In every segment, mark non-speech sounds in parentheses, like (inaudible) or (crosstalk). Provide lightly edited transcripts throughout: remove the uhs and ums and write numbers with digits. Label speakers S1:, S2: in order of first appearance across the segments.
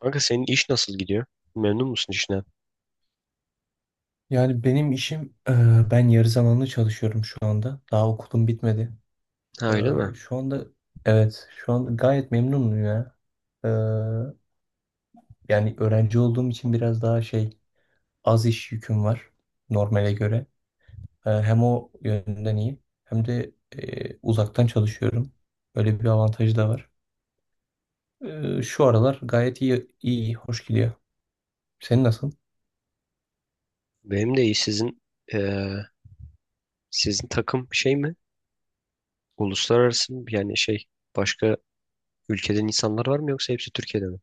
S1: Kanka senin iş nasıl gidiyor? Memnun musun işine?
S2: Yani benim işim, e, ben yarı zamanlı çalışıyorum şu anda. Daha okulum bitmedi.
S1: Ha
S2: E,
S1: öyle mi?
S2: şu anda, evet, şu anda gayet memnunum ya. E, yani öğrenci olduğum için biraz daha az iş yüküm var normale göre. Hem o yönden iyi, hem de uzaktan çalışıyorum. Böyle bir avantajı da var. Şu aralar gayet iyi, iyi, hoş gidiyor. Senin nasıl?
S1: Benim de iyi. Eee, sizin takım şey mi? Uluslararası mı? Yani şey başka ülkeden insanlar var mı yoksa hepsi Türkiye'de mi?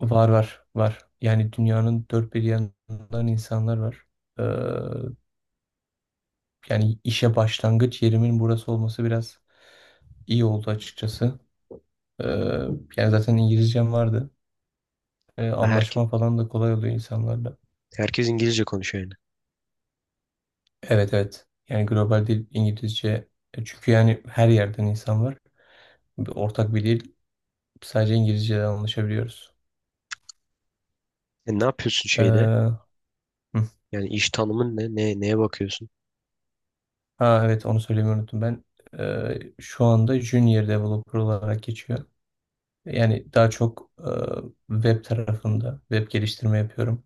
S2: Var var var. Yani dünyanın dört bir yanından insanlar var. Yani işe başlangıç yerimin burası olması biraz iyi oldu açıkçası. Ee, yani zaten İngilizcem vardı.
S1: Ha, herke,
S2: Anlaşma falan da kolay oluyor insanlarla.
S1: herkes İngilizce konuşuyor yani.
S2: Evet evet. Yani global dil İngilizce. Çünkü yani her yerden insan var. Bir ortak bir dil. Sadece İngilizce'den anlaşabiliyoruz.
S1: Ne yapıyorsun şeyde?
S2: Hı.
S1: Yani iş tanımın ne? Neye bakıyorsun?
S2: Ha evet, onu söylemeyi unuttum. Ben şu anda Junior Developer olarak geçiyor. Yani daha çok web tarafında web geliştirme yapıyorum.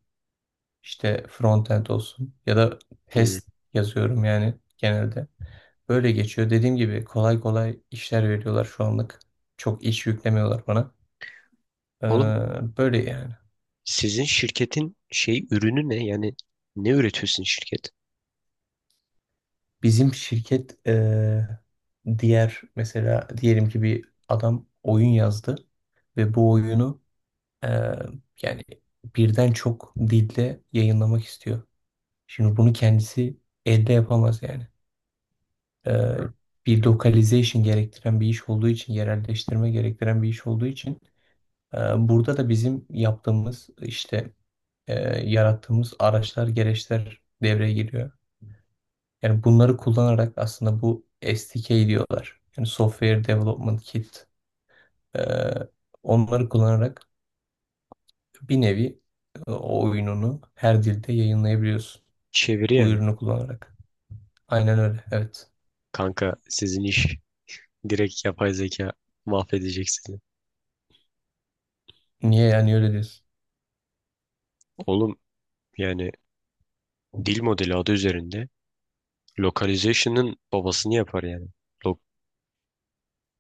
S2: İşte frontend olsun ya da
S1: Hmm.
S2: test yazıyorum yani genelde. Böyle geçiyor. Dediğim gibi kolay kolay işler veriyorlar şu anlık. Çok iş yüklemiyorlar bana. Ee,
S1: Oğlum
S2: böyle yani.
S1: sizin şirketin şey ürünü ne? Yani ne üretiyorsun şirket?
S2: Bizim şirket diğer mesela diyelim ki bir adam oyun yazdı ve bu oyunu e, yani birden çok dilde yayınlamak istiyor. Şimdi bunu kendisi elde yapamaz yani. e,
S1: Ha.
S2: Bir localization gerektiren bir iş olduğu için, yerelleştirme gerektiren bir iş olduğu için e, burada da bizim yaptığımız işte e, yarattığımız araçlar, gereçler devreye giriyor. Yani bunları kullanarak aslında bu SDK diyorlar. Yani Software Development Kit. E, onları kullanarak bir nevi o oyununu her dilde yayınlayabiliyorsun.
S1: Çeviri
S2: Bu
S1: yani.
S2: ürünü kullanarak. Aynen öyle. Evet.
S1: Kanka sizin iş direkt yapay zeka mahvedecek sizi.
S2: Niye yani öyle diyorsun?
S1: (laughs) Oğlum yani dil modeli adı üzerinde localization'ın babasını yapar yani. Lo-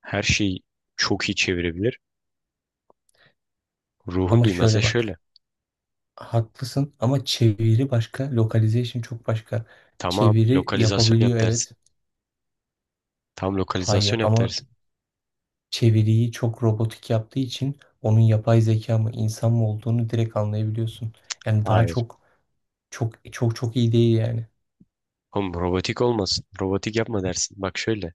S1: Her şeyi çok iyi çevirebilir. Ruhun
S2: Ama
S1: duymaz ya
S2: şöyle
S1: şöyle.
S2: bak. Haklısın ama çeviri başka, localization çok başka.
S1: Tamam
S2: Çeviri
S1: lokalizasyon yap
S2: yapabiliyor
S1: dersin.
S2: evet.
S1: Tam
S2: Hayır
S1: lokalizasyon yap
S2: ama
S1: dersin.
S2: çeviriyi çok robotik yaptığı için onun yapay zeka mı insan mı olduğunu direkt anlayabiliyorsun. Yani daha
S1: Hayır.
S2: çok çok iyi değil yani.
S1: Oğlum robotik olmasın. Robotik yapma dersin. Bak şöyle.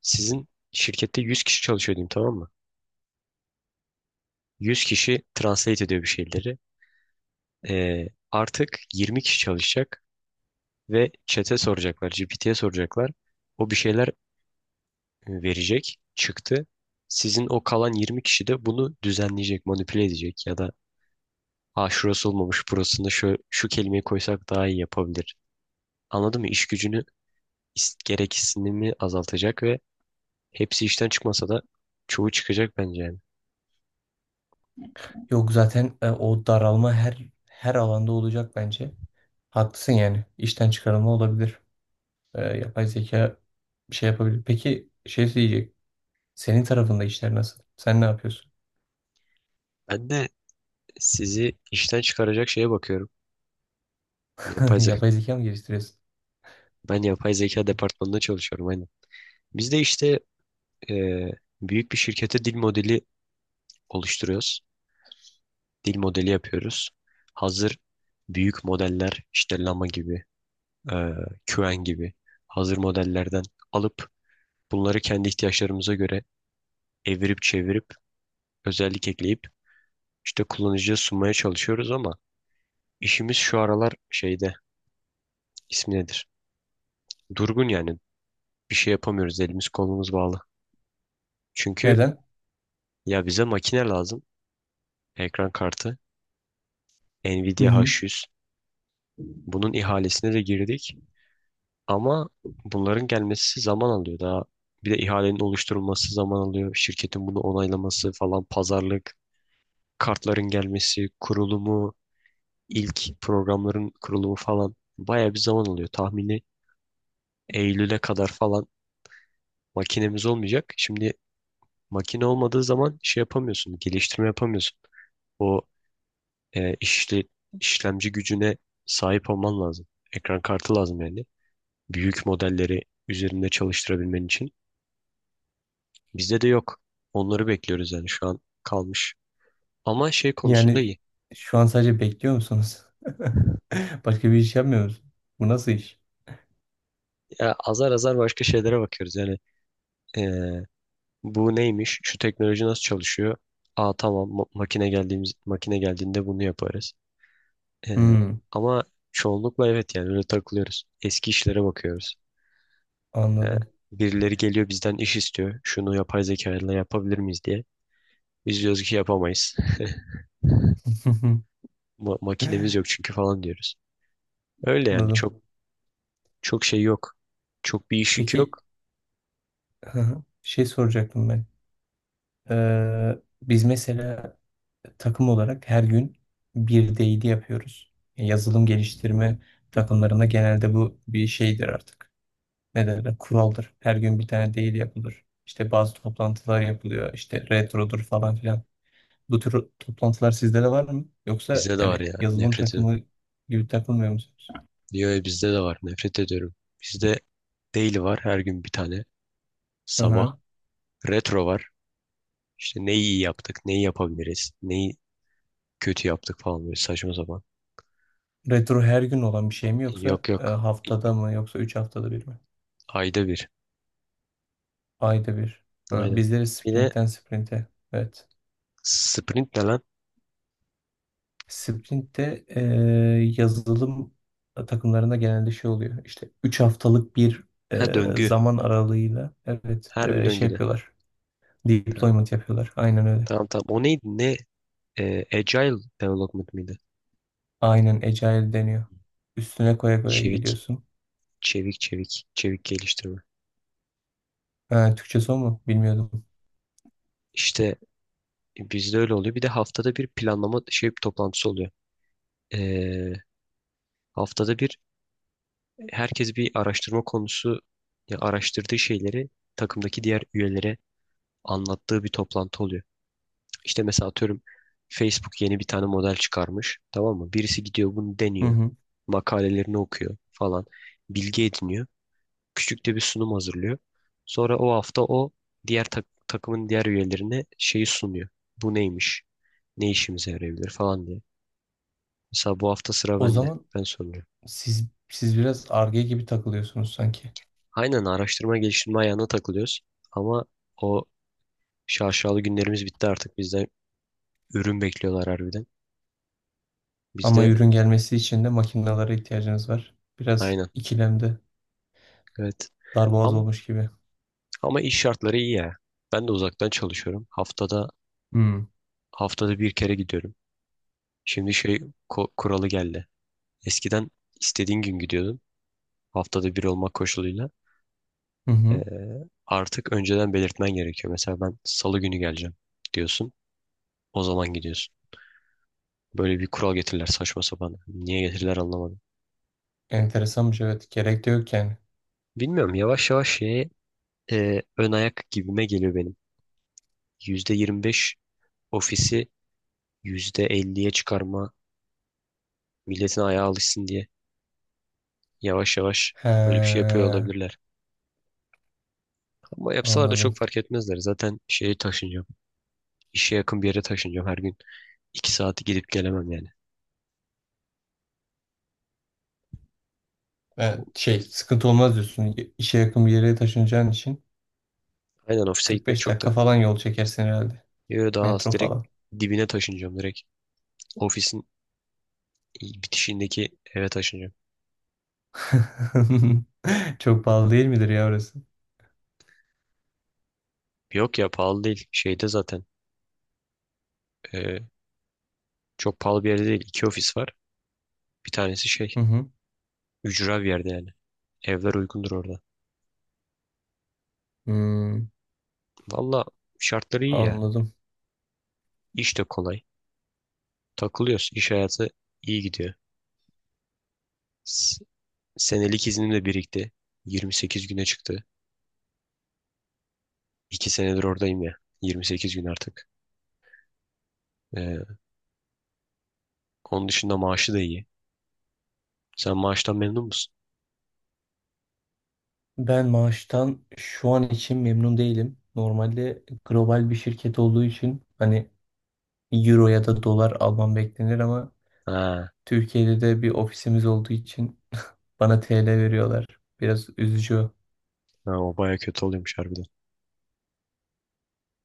S1: Sizin şirkette 100 kişi çalışıyor diyeyim, tamam mı? 100 kişi translate ediyor bir şeyleri. Artık 20 kişi çalışacak ve chat'e soracaklar, GPT'ye soracaklar. O bir şeyler verecek çıktı. Sizin o kalan 20 kişi de bunu düzenleyecek, manipüle edecek ya da ha şurası olmamış, burasında şu kelimeyi koysak daha iyi yapabilir. Anladın mı? İş gücünü, gereksinimi azaltacak ve hepsi işten çıkmasa da çoğu çıkacak bence yani.
S2: Yok zaten o daralma her alanda olacak bence. Haklısın yani. İşten çıkarılma olabilir. Yapay zeka bir şey yapabilir. Peki şey diyecek. Senin tarafında işler nasıl? Sen ne yapıyorsun?
S1: Ben de sizi işten çıkaracak şeye bakıyorum. Yapay
S2: (laughs)
S1: zeka.
S2: Yapay zeka mı geliştiriyorsun?
S1: Ben yapay zeka departmanında çalışıyorum aynen. Biz de işte eee, büyük bir şirkete dil modeli oluşturuyoruz. Dil modeli yapıyoruz. Hazır büyük modeller işte Llama gibi, e, Qwen gibi hazır modellerden alıp bunları kendi ihtiyaçlarımıza göre evirip çevirip özellik ekleyip işte kullanıcıya sunmaya çalışıyoruz, ama işimiz şu aralar şeyde, ismi nedir? Durgun yani, bir şey yapamıyoruz, elimiz kolumuz bağlı. Çünkü
S2: Neden?
S1: ya bize makine lazım, ekran kartı
S2: Hı
S1: Nvidia
S2: hı.
S1: H100, bunun ihalesine de girdik. Ama bunların gelmesi zaman alıyor daha. Bir de ihalenin oluşturulması zaman alıyor. Şirketin bunu onaylaması falan, pazarlık, kartların gelmesi, kurulumu, ilk programların kurulumu falan bayağı bir zaman alıyor. Tahmini Eylül'e kadar falan makinemiz olmayacak. Şimdi makine olmadığı zaman şey yapamıyorsun, geliştirme yapamıyorsun. O e, işle, işlemci gücüne sahip olman lazım. Ekran kartı lazım yani. Büyük modelleri üzerinde çalıştırabilmen için. Bizde de yok. Onları bekliyoruz yani, şu an kalmış. Ama şey konusunda
S2: Yani
S1: iyi.
S2: şu an sadece bekliyor musunuz? (laughs) Başka bir iş yapmıyor musun? Bu nasıl iş?
S1: Ya azar azar başka şeylere bakıyoruz. Yani eee, bu neymiş? Şu teknoloji nasıl çalışıyor? Aa tamam, makine geldiğinde bunu yaparız. Eee,
S2: Hmm,
S1: Ama çoğunlukla evet yani öyle takılıyoruz. Eski işlere bakıyoruz. Eee,
S2: anladım.
S1: Birileri geliyor, bizden iş istiyor. Şunu yapay zeka ile yapabilir miyiz diye. Biz diyoruz ki yapamayız. (laughs)
S2: (laughs)
S1: Makinemiz yok çünkü falan diyoruz. Öyle yani,
S2: Anladım.
S1: çok çok şey yok. Çok bir iş yükü
S2: Peki,
S1: yok.
S2: hı hı. Şey soracaktım ben. Biz mesela takım olarak her gün bir değili yapıyoruz. Yazılım geliştirme takımlarında genelde bu bir şeydir artık. Ne derler, kuraldır. Her gün bir tane değil yapılır. İşte bazı toplantılar yapılıyor. İşte retrodur falan filan. Bu tür toplantılar sizde de var mı? Yoksa
S1: Bizde de var
S2: yani
S1: ya,
S2: yazılım
S1: nefret ediyorum.
S2: takımı gibi takılmıyor musunuz?
S1: Diyor ya, bizde de var, nefret ediyorum. Bizde daily var, her gün bir tane.
S2: Hı
S1: Sabah.
S2: hı.
S1: Retro var. İşte neyi iyi yaptık, neyi yapabiliriz, neyi kötü yaptık falan, böyle saçma sapan.
S2: Retro her gün olan bir şey mi yoksa
S1: Yok, yok.
S2: haftada mı yoksa 3 haftada bir mi?
S1: Ayda bir.
S2: Ayda bir. Ha,
S1: Aynen.
S2: bizleri
S1: Bir de
S2: sprintten sprinte. Evet.
S1: sprint ne lan?
S2: Sprintte yazılım takımlarında genelde şey oluyor. İşte 3 haftalık bir
S1: Ha, döngü.
S2: zaman aralığıyla evet
S1: Her bir
S2: şey
S1: döngüde.
S2: yapıyorlar.
S1: Tamam,
S2: Deployment yapıyorlar. Aynen öyle.
S1: tamam. Tamam. O neydi? Ne? Agile Development miydi?
S2: Aynen Agile deniyor. Üstüne koya koya
S1: Çevik.
S2: gidiyorsun.
S1: Çevik, çevik. Çevik geliştirme.
S2: Ha, Türkçesi o mu? Bilmiyordum.
S1: İşte bizde öyle oluyor. Bir de haftada bir planlama şey toplantısı oluyor. Ee, Haftada bir herkes bir araştırma konusu ya araştırdığı şeyleri takımdaki diğer üyelere anlattığı bir toplantı oluyor. İşte mesela atıyorum, Facebook yeni bir tane model çıkarmış. Tamam mı? Birisi gidiyor, bunu
S2: Hı
S1: deniyor.
S2: hı.
S1: Makalelerini okuyor falan. Bilgi ediniyor. Küçük de bir sunum hazırlıyor. Sonra o hafta o diğer takımın diğer üyelerine şeyi sunuyor. Bu neymiş? Ne işimize yarayabilir falan diye. Mesela bu hafta sıra
S2: O
S1: bende.
S2: zaman
S1: Ben soruyorum.
S2: siz biraz ar gibi takılıyorsunuz sanki.
S1: Aynen, araştırma geliştirme ayağına takılıyoruz. Ama o şaşalı günlerimiz bitti artık. Bizden ürün bekliyorlar harbiden. Biz
S2: Ama
S1: de
S2: ürün gelmesi için de makinelere ihtiyacınız var. Biraz
S1: aynen.
S2: ikilemde
S1: Evet.
S2: darboğaz
S1: Ama
S2: olmuş gibi.
S1: ama iş şartları iyi ya. Ben de uzaktan çalışıyorum. Haftada
S2: Hmm.
S1: haftada bir kere gidiyorum. Şimdi şey kuralı geldi. Eskiden istediğin gün gidiyordun. Haftada bir olmak koşuluyla.
S2: Hı
S1: Ee,
S2: hı.
S1: Artık önceden belirtmen gerekiyor. Mesela ben salı günü geleceğim diyorsun. O zaman gidiyorsun. Böyle bir kural getirirler, saçma sapan. Niye getirirler anlamadım.
S2: Enteresanmış evet. Gerek de yok yani.
S1: Bilmiyorum, yavaş yavaş şeye ön ayak gibime geliyor benim. %25 ofisi %50'ye çıkarma, milletin ayağı alışsın diye yavaş yavaş
S2: He,
S1: böyle bir şey yapıyor olabilirler. Ama yapsalar da çok
S2: anladım.
S1: fark etmezler. Zaten şeye taşınacağım. İşe yakın bir yere taşınacağım her gün. 2 saati gidip gelemem yani.
S2: Evet, şey sıkıntı olmaz diyorsun. İşe yakın bir yere taşınacağın için
S1: Aynen, ofise gitmek
S2: 45
S1: çok
S2: dakika
S1: da.
S2: falan yol çekersin herhalde.
S1: Yo, daha az,
S2: Metro
S1: direkt
S2: falan.
S1: dibine taşınacağım direkt. Ofisin bitişindeki eve taşınacağım.
S2: (laughs) Çok pahalı değil midir ya orası?
S1: Yok ya, pahalı değil. Şeyde zaten e, çok pahalı bir yerde değil. İki ofis var. Bir tanesi şey,
S2: Hı hı.
S1: ücra bir yerde yani. Evler uygundur orada.
S2: Hmm,
S1: Valla şartları iyi ya.
S2: anladım.
S1: İş de kolay. Takılıyoruz. İş hayatı iyi gidiyor. S- Senelik iznim de birikti. 28 güne çıktı. 2 senedir oradayım ya. 28 gün artık. Ee, Onun dışında maaşı da iyi. Sen maaştan memnun musun?
S2: Ben maaştan şu an için memnun değilim. Normalde global bir şirket olduğu için hani euro ya da dolar almam beklenir ama
S1: Ha,
S2: Türkiye'de de bir ofisimiz olduğu için bana TL veriyorlar. Biraz üzücü.
S1: ha, o baya kötü oluyormuş harbiden.